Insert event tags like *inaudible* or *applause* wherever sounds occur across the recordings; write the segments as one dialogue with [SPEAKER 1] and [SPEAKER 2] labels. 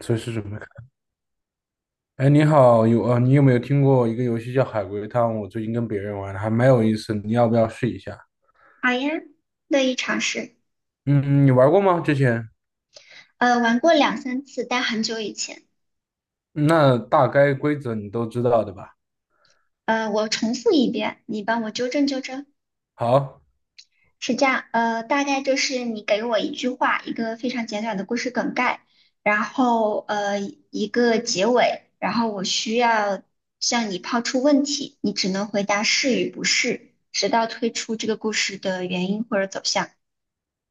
[SPEAKER 1] 随时准备看。哎，你好，有啊，你有没有听过一个游戏叫《海龟汤》？我最近跟别人玩的，还蛮有意思，你要不要试一下？
[SPEAKER 2] 好呀，乐意尝试。
[SPEAKER 1] 嗯，你玩过吗？之前？
[SPEAKER 2] 玩过两三次，但很久以前。
[SPEAKER 1] 那大概规则你都知道的吧？
[SPEAKER 2] 我重复一遍，你帮我纠正纠正。
[SPEAKER 1] 好，
[SPEAKER 2] 是这样，大概就是你给我一句话，一个非常简短的故事梗概，然后一个结尾，然后我需要向你抛出问题，你只能回答是与不是，直到推出这个故事的原因或者走向。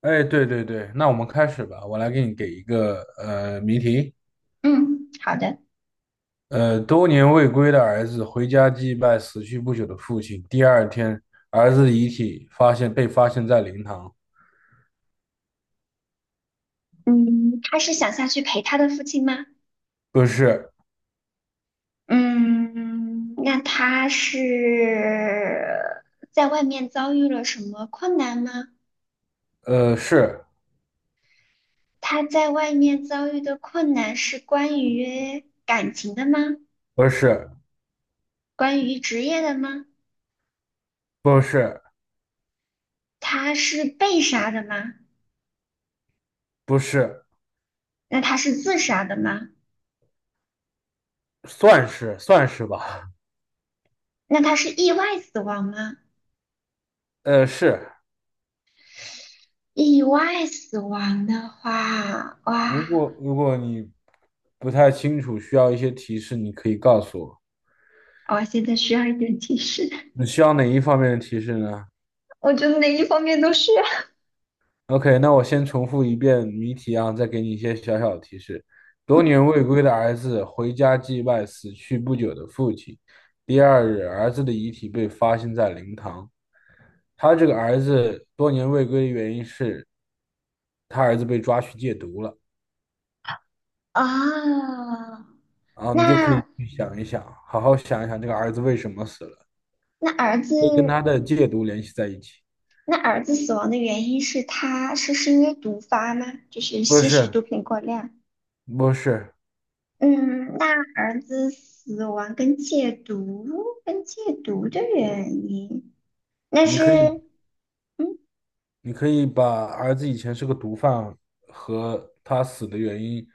[SPEAKER 1] 哎，对对对，那我们开始吧。我来给一个谜题。
[SPEAKER 2] 嗯，好的。
[SPEAKER 1] 多年未归的儿子回家祭拜死去不久的父亲。第二天，儿子的遗体被发现在灵堂，
[SPEAKER 2] 嗯，他是想下去陪他的父亲吗？
[SPEAKER 1] 不是，
[SPEAKER 2] 嗯，那他是在外面遭遇了什么困难吗？
[SPEAKER 1] 是
[SPEAKER 2] 他在外面遭遇的困难是关于感情的吗？
[SPEAKER 1] 不是
[SPEAKER 2] 关于职业的吗？
[SPEAKER 1] 不是
[SPEAKER 2] 他是被杀的吗？
[SPEAKER 1] 不是？
[SPEAKER 2] 那他是自杀的吗？
[SPEAKER 1] 算是算是吧，
[SPEAKER 2] 那他是意外死亡吗？
[SPEAKER 1] 是。
[SPEAKER 2] 意外死亡的话，
[SPEAKER 1] 如
[SPEAKER 2] 哇，
[SPEAKER 1] 果如果你不太清楚，需要一些提示，你可以告诉我。
[SPEAKER 2] 我现在需要一点提示。
[SPEAKER 1] 你需要哪一方面的提示呢
[SPEAKER 2] *laughs* 我觉得哪一方面都需要。
[SPEAKER 1] ？OK，那我先重复一遍谜题啊，再给你一些小小的提示。多年未归的儿子回家祭拜死去不久的父亲。第二日，儿子的遗体被发现在灵堂。他这个儿子多年未归的原因是，他儿子被抓去戒毒了。
[SPEAKER 2] *laughs* 啊。
[SPEAKER 1] 啊，你就可以
[SPEAKER 2] 那
[SPEAKER 1] 去想一想，好好想一想这个儿子为什么死了，
[SPEAKER 2] 那儿子
[SPEAKER 1] 可以跟他的戒毒联系在一起。
[SPEAKER 2] 那儿子死亡的原因是他是因为毒发吗？就是
[SPEAKER 1] 不
[SPEAKER 2] 吸食毒
[SPEAKER 1] 是，
[SPEAKER 2] 品过量。
[SPEAKER 1] 不是，
[SPEAKER 2] 嗯，那儿子死亡跟戒毒跟戒毒的原因，那
[SPEAKER 1] 你
[SPEAKER 2] 是。
[SPEAKER 1] 可以，
[SPEAKER 2] 嗯，
[SPEAKER 1] 你可以把儿子以前是个毒贩和他死的原因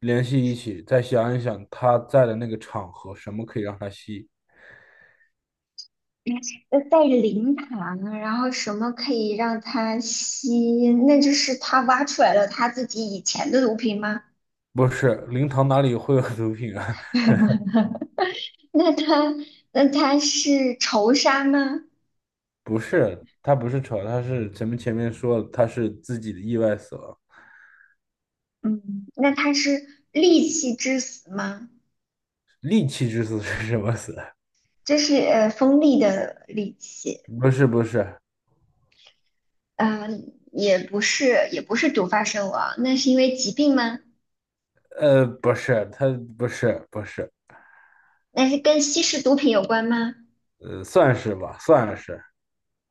[SPEAKER 1] 联系一起，再想一想他在的那个场合，什么可以让他吸？
[SPEAKER 2] 在灵堂，然后什么可以让他吸？那就是他挖出来了他自己以前的毒品吗？
[SPEAKER 1] 不是，灵堂哪里会有毒品啊？
[SPEAKER 2] *laughs* 那他那他是仇杀吗？
[SPEAKER 1] *laughs* 不是，他不是扯，他是咱们前面说了，他是自己的意外死亡，
[SPEAKER 2] 嗯，那他是戾气致死吗？
[SPEAKER 1] 利器之死是什么死？
[SPEAKER 2] 这是锋利的利器。
[SPEAKER 1] *laughs* 不是，不是。
[SPEAKER 2] 嗯、也不是，毒发身亡，那是因为疾病吗？
[SPEAKER 1] 不是，他不是，
[SPEAKER 2] 那是跟吸食毒品有关吗？
[SPEAKER 1] 算是吧，算是，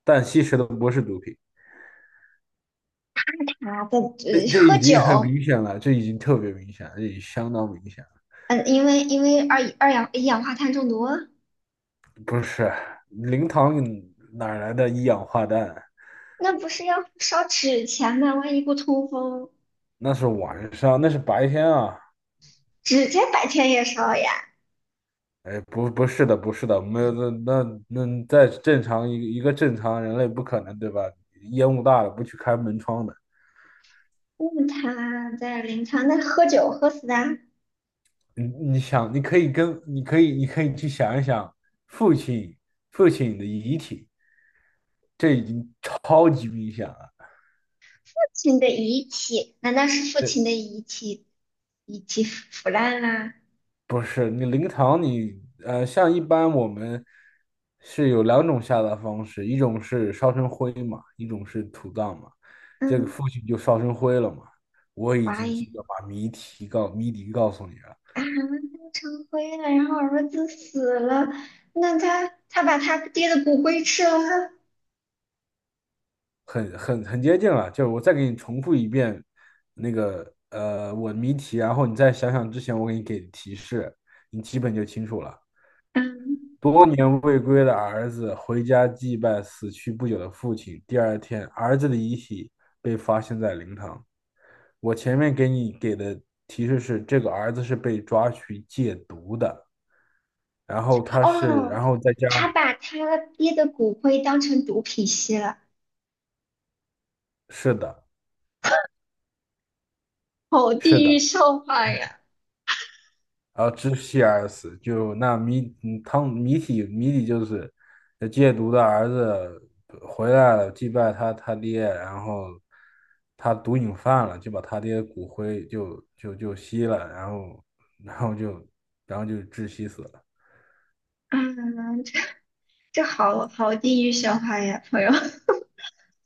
[SPEAKER 1] 但吸食的不是毒品。
[SPEAKER 2] 啊，在
[SPEAKER 1] 这这
[SPEAKER 2] 喝
[SPEAKER 1] 已经很
[SPEAKER 2] 酒。
[SPEAKER 1] 明显了，这已经特别明显了，这已经相当明显了。
[SPEAKER 2] 嗯、因为一氧化碳中毒，
[SPEAKER 1] 不是，灵堂哪来的一氧化氮？
[SPEAKER 2] 那不是要烧纸钱吗？万一不通风，
[SPEAKER 1] 那是晚上，那是白天啊。
[SPEAKER 2] 指甲白天也烧呀。
[SPEAKER 1] 哎，不，不是的，不是的，没有，那在正常一个正常人类不可能，对吧？烟雾大了不去开门窗的。
[SPEAKER 2] 那他在灵堂，那喝酒喝死的，父
[SPEAKER 1] 你你想，你可以跟你可以你可以去想一想父亲父亲的遗体，这已经超级明显了。
[SPEAKER 2] 亲的遗体，难道是父亲的遗体遗体腐烂啦？
[SPEAKER 1] 不是你灵堂你，像一般我们是有两种下葬方式，一种是烧成灰嘛，一种是土葬嘛。这个
[SPEAKER 2] 嗯，
[SPEAKER 1] 父亲就烧成灰了嘛。我已
[SPEAKER 2] 哇，
[SPEAKER 1] 经记得把谜底告诉你了。
[SPEAKER 2] 啊，弄成灰了，然后儿子死了，那他把他爹的骨灰吃了吗？
[SPEAKER 1] 很接近了。就是我再给你重复一遍那个我的谜题，然后你再想想之前我给你给的提示，你基本就清楚了。
[SPEAKER 2] 嗯，
[SPEAKER 1] 多年未归的儿子回家祭拜死去不久的父亲，第二天儿子的遗体被发现在灵堂。我前面给你给的提示是，这个儿子是被抓去戒毒的，然后他是，
[SPEAKER 2] 哦，
[SPEAKER 1] 然后在
[SPEAKER 2] 他
[SPEAKER 1] 家，
[SPEAKER 2] 把他爹的骨灰当成毒品吸了，
[SPEAKER 1] 是的，
[SPEAKER 2] 好
[SPEAKER 1] 是
[SPEAKER 2] 地狱
[SPEAKER 1] 的。
[SPEAKER 2] 笑话呀！
[SPEAKER 1] 然后窒息而死，就那汤谜题谜底就是戒毒的儿子回来了，祭拜他爹，然后他毒瘾犯了，就把他爹骨灰就吸了，然后然后就然后就窒息死了。
[SPEAKER 2] 啊，这这好地狱笑话呀，朋友。*laughs*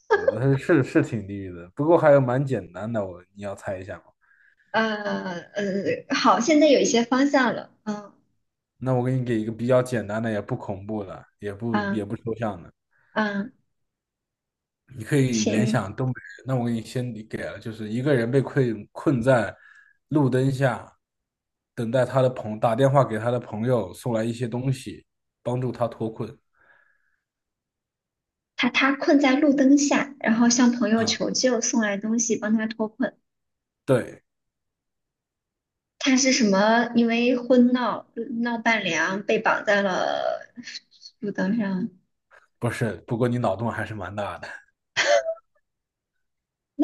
[SPEAKER 1] 他是是挺地狱的，不过还有蛮简单的，我你要猜一下吗？
[SPEAKER 2] 呃好，现在有一些方向了。嗯。
[SPEAKER 1] 那我给你给一个比较简单的，也不恐怖的，也不也
[SPEAKER 2] 嗯。
[SPEAKER 1] 不抽象的。
[SPEAKER 2] 嗯，
[SPEAKER 1] 你可以联
[SPEAKER 2] 行。
[SPEAKER 1] 想东北人，那我给你先给了，就是一个人被困在路灯下，等待他打电话给他的朋友送来一些东西，帮助他脱困。
[SPEAKER 2] 他困在路灯下，然后向朋友
[SPEAKER 1] 啊，
[SPEAKER 2] 求救，送来东西帮他脱困。
[SPEAKER 1] 对，
[SPEAKER 2] 他是什么？因为婚闹伴娘被绑在了路灯上。
[SPEAKER 1] 不是，不过你脑洞还是蛮大的。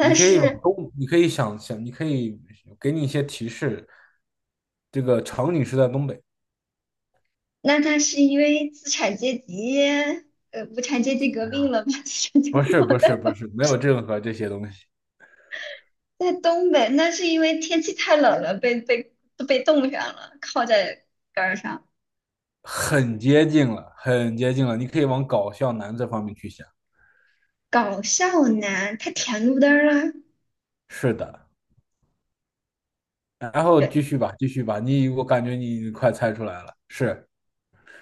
[SPEAKER 1] 你可以往
[SPEAKER 2] 是
[SPEAKER 1] 东，你可以想想，你可以给你一些提示。这个场景是在东北，
[SPEAKER 2] 那他是因为资产阶级呃无产阶级革命
[SPEAKER 1] 啊
[SPEAKER 2] 了把 *laughs* 资产阶
[SPEAKER 1] 不
[SPEAKER 2] 级
[SPEAKER 1] 是
[SPEAKER 2] 绑
[SPEAKER 1] 不是
[SPEAKER 2] 在
[SPEAKER 1] 不
[SPEAKER 2] 了。
[SPEAKER 1] 是，没有任何这些东西，
[SPEAKER 2] 在东北，那是因为天气太冷了，被冻上了，靠在杆儿上。
[SPEAKER 1] 很接近了，很接近了。你可以往搞笑男这方面去想。
[SPEAKER 2] 搞笑男他舔路灯啊，
[SPEAKER 1] 是的，然后
[SPEAKER 2] 人
[SPEAKER 1] 继续吧，继续吧，你我感觉你快猜出来了，是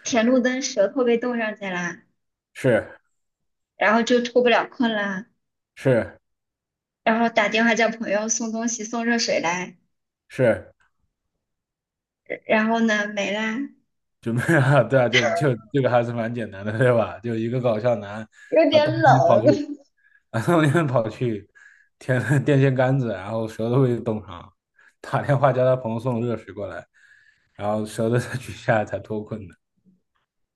[SPEAKER 2] 舔路灯舌头被冻上去了，
[SPEAKER 1] 是
[SPEAKER 2] 然后就脱不了困了，
[SPEAKER 1] 是
[SPEAKER 2] 然后打电话叫朋友送东西送热水来。
[SPEAKER 1] 是，
[SPEAKER 2] 然后呢，没啦，
[SPEAKER 1] 准备啊，*laughs* 对啊，就这个还是蛮简单的，对吧？就一个搞笑男
[SPEAKER 2] 有
[SPEAKER 1] 啊，
[SPEAKER 2] 点冷。*laughs*
[SPEAKER 1] 当天跑去舔了 *laughs* 电线杆子，然后舌头被冻上，打电话叫他朋友送热水过来，然后舌头才取下来才脱困的。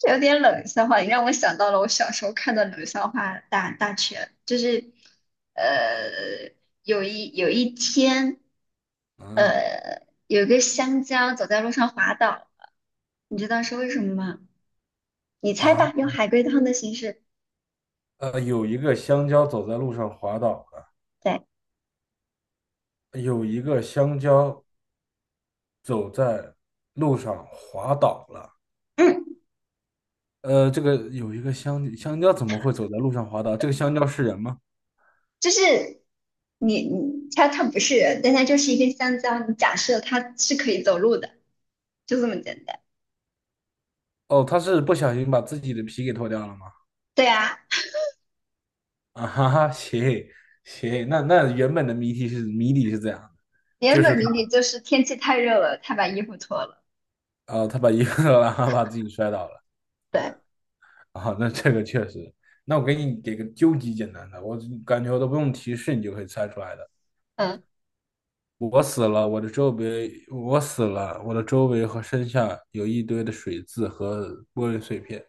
[SPEAKER 2] 有点冷笑话，你让我想到了我小时候看的冷笑话大全，就是呃，有一天，
[SPEAKER 1] 啊
[SPEAKER 2] 有个香蕉走在路上滑倒了，你知道是为什么吗？你猜吧，
[SPEAKER 1] 啊，
[SPEAKER 2] 用海龟汤的形式。
[SPEAKER 1] 有一个香蕉走在路上滑倒了，
[SPEAKER 2] 对，
[SPEAKER 1] 有一个香蕉走在路上滑倒了。
[SPEAKER 2] 嗯，
[SPEAKER 1] 这个有一个香蕉怎么会走在路上滑倒？这个香蕉是人吗？
[SPEAKER 2] 就是你它不是人，但它就是一根香蕉，你假设它是可以走路的，就这么简单。
[SPEAKER 1] 哦，他是不小心把自己的皮给脱掉了吗？
[SPEAKER 2] 对啊，
[SPEAKER 1] 啊哈哈，行行，那原本的谜底是这样的，
[SPEAKER 2] 原
[SPEAKER 1] 就是
[SPEAKER 2] 本
[SPEAKER 1] 他，
[SPEAKER 2] 谜底就是天气太热了，他把衣服脱了。
[SPEAKER 1] 啊，他把一个然后把自己摔倒了
[SPEAKER 2] 对。
[SPEAKER 1] 啊，那这个确实，那我给你给个究极简单的，我感觉我都不用提示你就可以猜出来的。
[SPEAKER 2] 嗯，
[SPEAKER 1] 我死了，我的周围，我死了，我的周围和身下有一堆的水渍和玻璃碎片。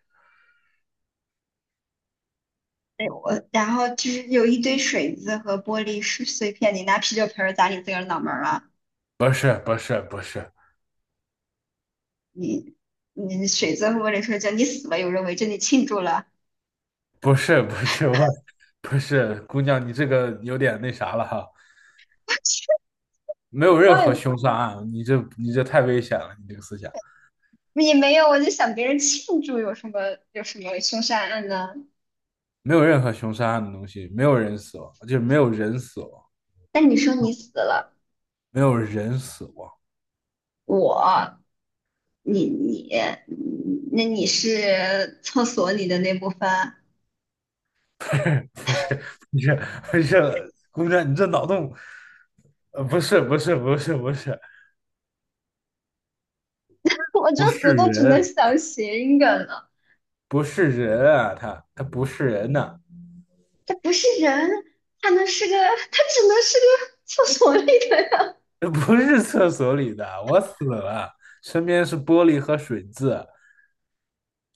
[SPEAKER 2] 对，我，然后就是有一堆水渍和玻璃碎片，你拿啤酒瓶儿砸你自个儿脑门儿了。
[SPEAKER 1] 不是不是不是
[SPEAKER 2] 你你水渍和玻璃碎就你死了有人围着你庆祝了。
[SPEAKER 1] *laughs* 不是不是我，不是姑娘，你这个有点那啥了哈，没有任何凶杀案，你这你这太危险了，你这个思想
[SPEAKER 2] 我也没有，我就想别人庆祝有什么凶杀案呢？
[SPEAKER 1] 没有任何凶杀案的东西，没有人死亡，就是没有人死亡，
[SPEAKER 2] 但你说你死了。
[SPEAKER 1] 没有人死亡，
[SPEAKER 2] 我你你，嗯，那你是厕所里的那部分。
[SPEAKER 1] *laughs* 不是不是不是，姑娘，你这脑洞，不是不是不是不是
[SPEAKER 2] *laughs*
[SPEAKER 1] 不
[SPEAKER 2] 我
[SPEAKER 1] 是
[SPEAKER 2] 都只能
[SPEAKER 1] 人，
[SPEAKER 2] 想谐音梗了。
[SPEAKER 1] 不是人啊，他不是人呐、
[SPEAKER 2] 它不是人，它能是个，它只能是个厕所里的人。
[SPEAKER 1] *laughs* 这不是厕所里的，我死了，身边是玻璃和水渍。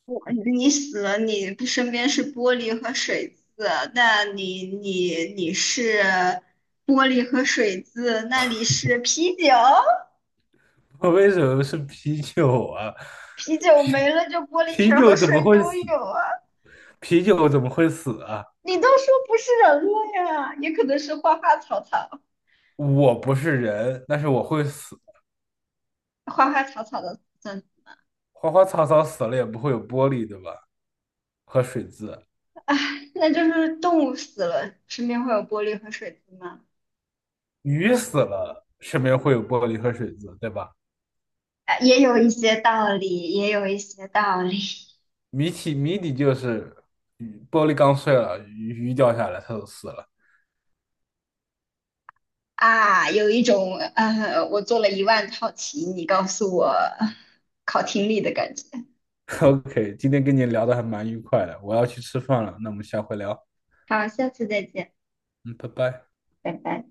[SPEAKER 2] 你死了，你不身边是玻璃和水渍，那你是玻璃和水渍，那里是啤酒，
[SPEAKER 1] *laughs* 我为什么是啤酒啊？
[SPEAKER 2] 啤酒没了就玻璃瓶
[SPEAKER 1] 啤
[SPEAKER 2] 儿和
[SPEAKER 1] 酒怎么
[SPEAKER 2] 水
[SPEAKER 1] 会
[SPEAKER 2] 都
[SPEAKER 1] 死？
[SPEAKER 2] 有啊。
[SPEAKER 1] 啤酒怎么会死啊？
[SPEAKER 2] 你都说不是人了呀，也可能是花花草草，
[SPEAKER 1] 我不是人，但是我会死。
[SPEAKER 2] 花花草草的，嗯。
[SPEAKER 1] 花花草草死了也不会有玻璃，对吧？和水渍。
[SPEAKER 2] 唉，那就是动物死了，身边会有玻璃和水渍吗？
[SPEAKER 1] 鱼死了，身边会有玻璃和水渍，对吧？
[SPEAKER 2] 也有一些道理，
[SPEAKER 1] 谜题谜底就是鱼，玻璃刚碎了，鱼掉下来，它就死了。
[SPEAKER 2] 啊。有一种我做了10000套题，你告诉我考听力的感觉。
[SPEAKER 1] *laughs* OK，今天跟你聊的还蛮愉快的，我要去吃饭了，那我们下回聊。
[SPEAKER 2] 好，下次再见，
[SPEAKER 1] 嗯，拜拜。
[SPEAKER 2] 拜拜。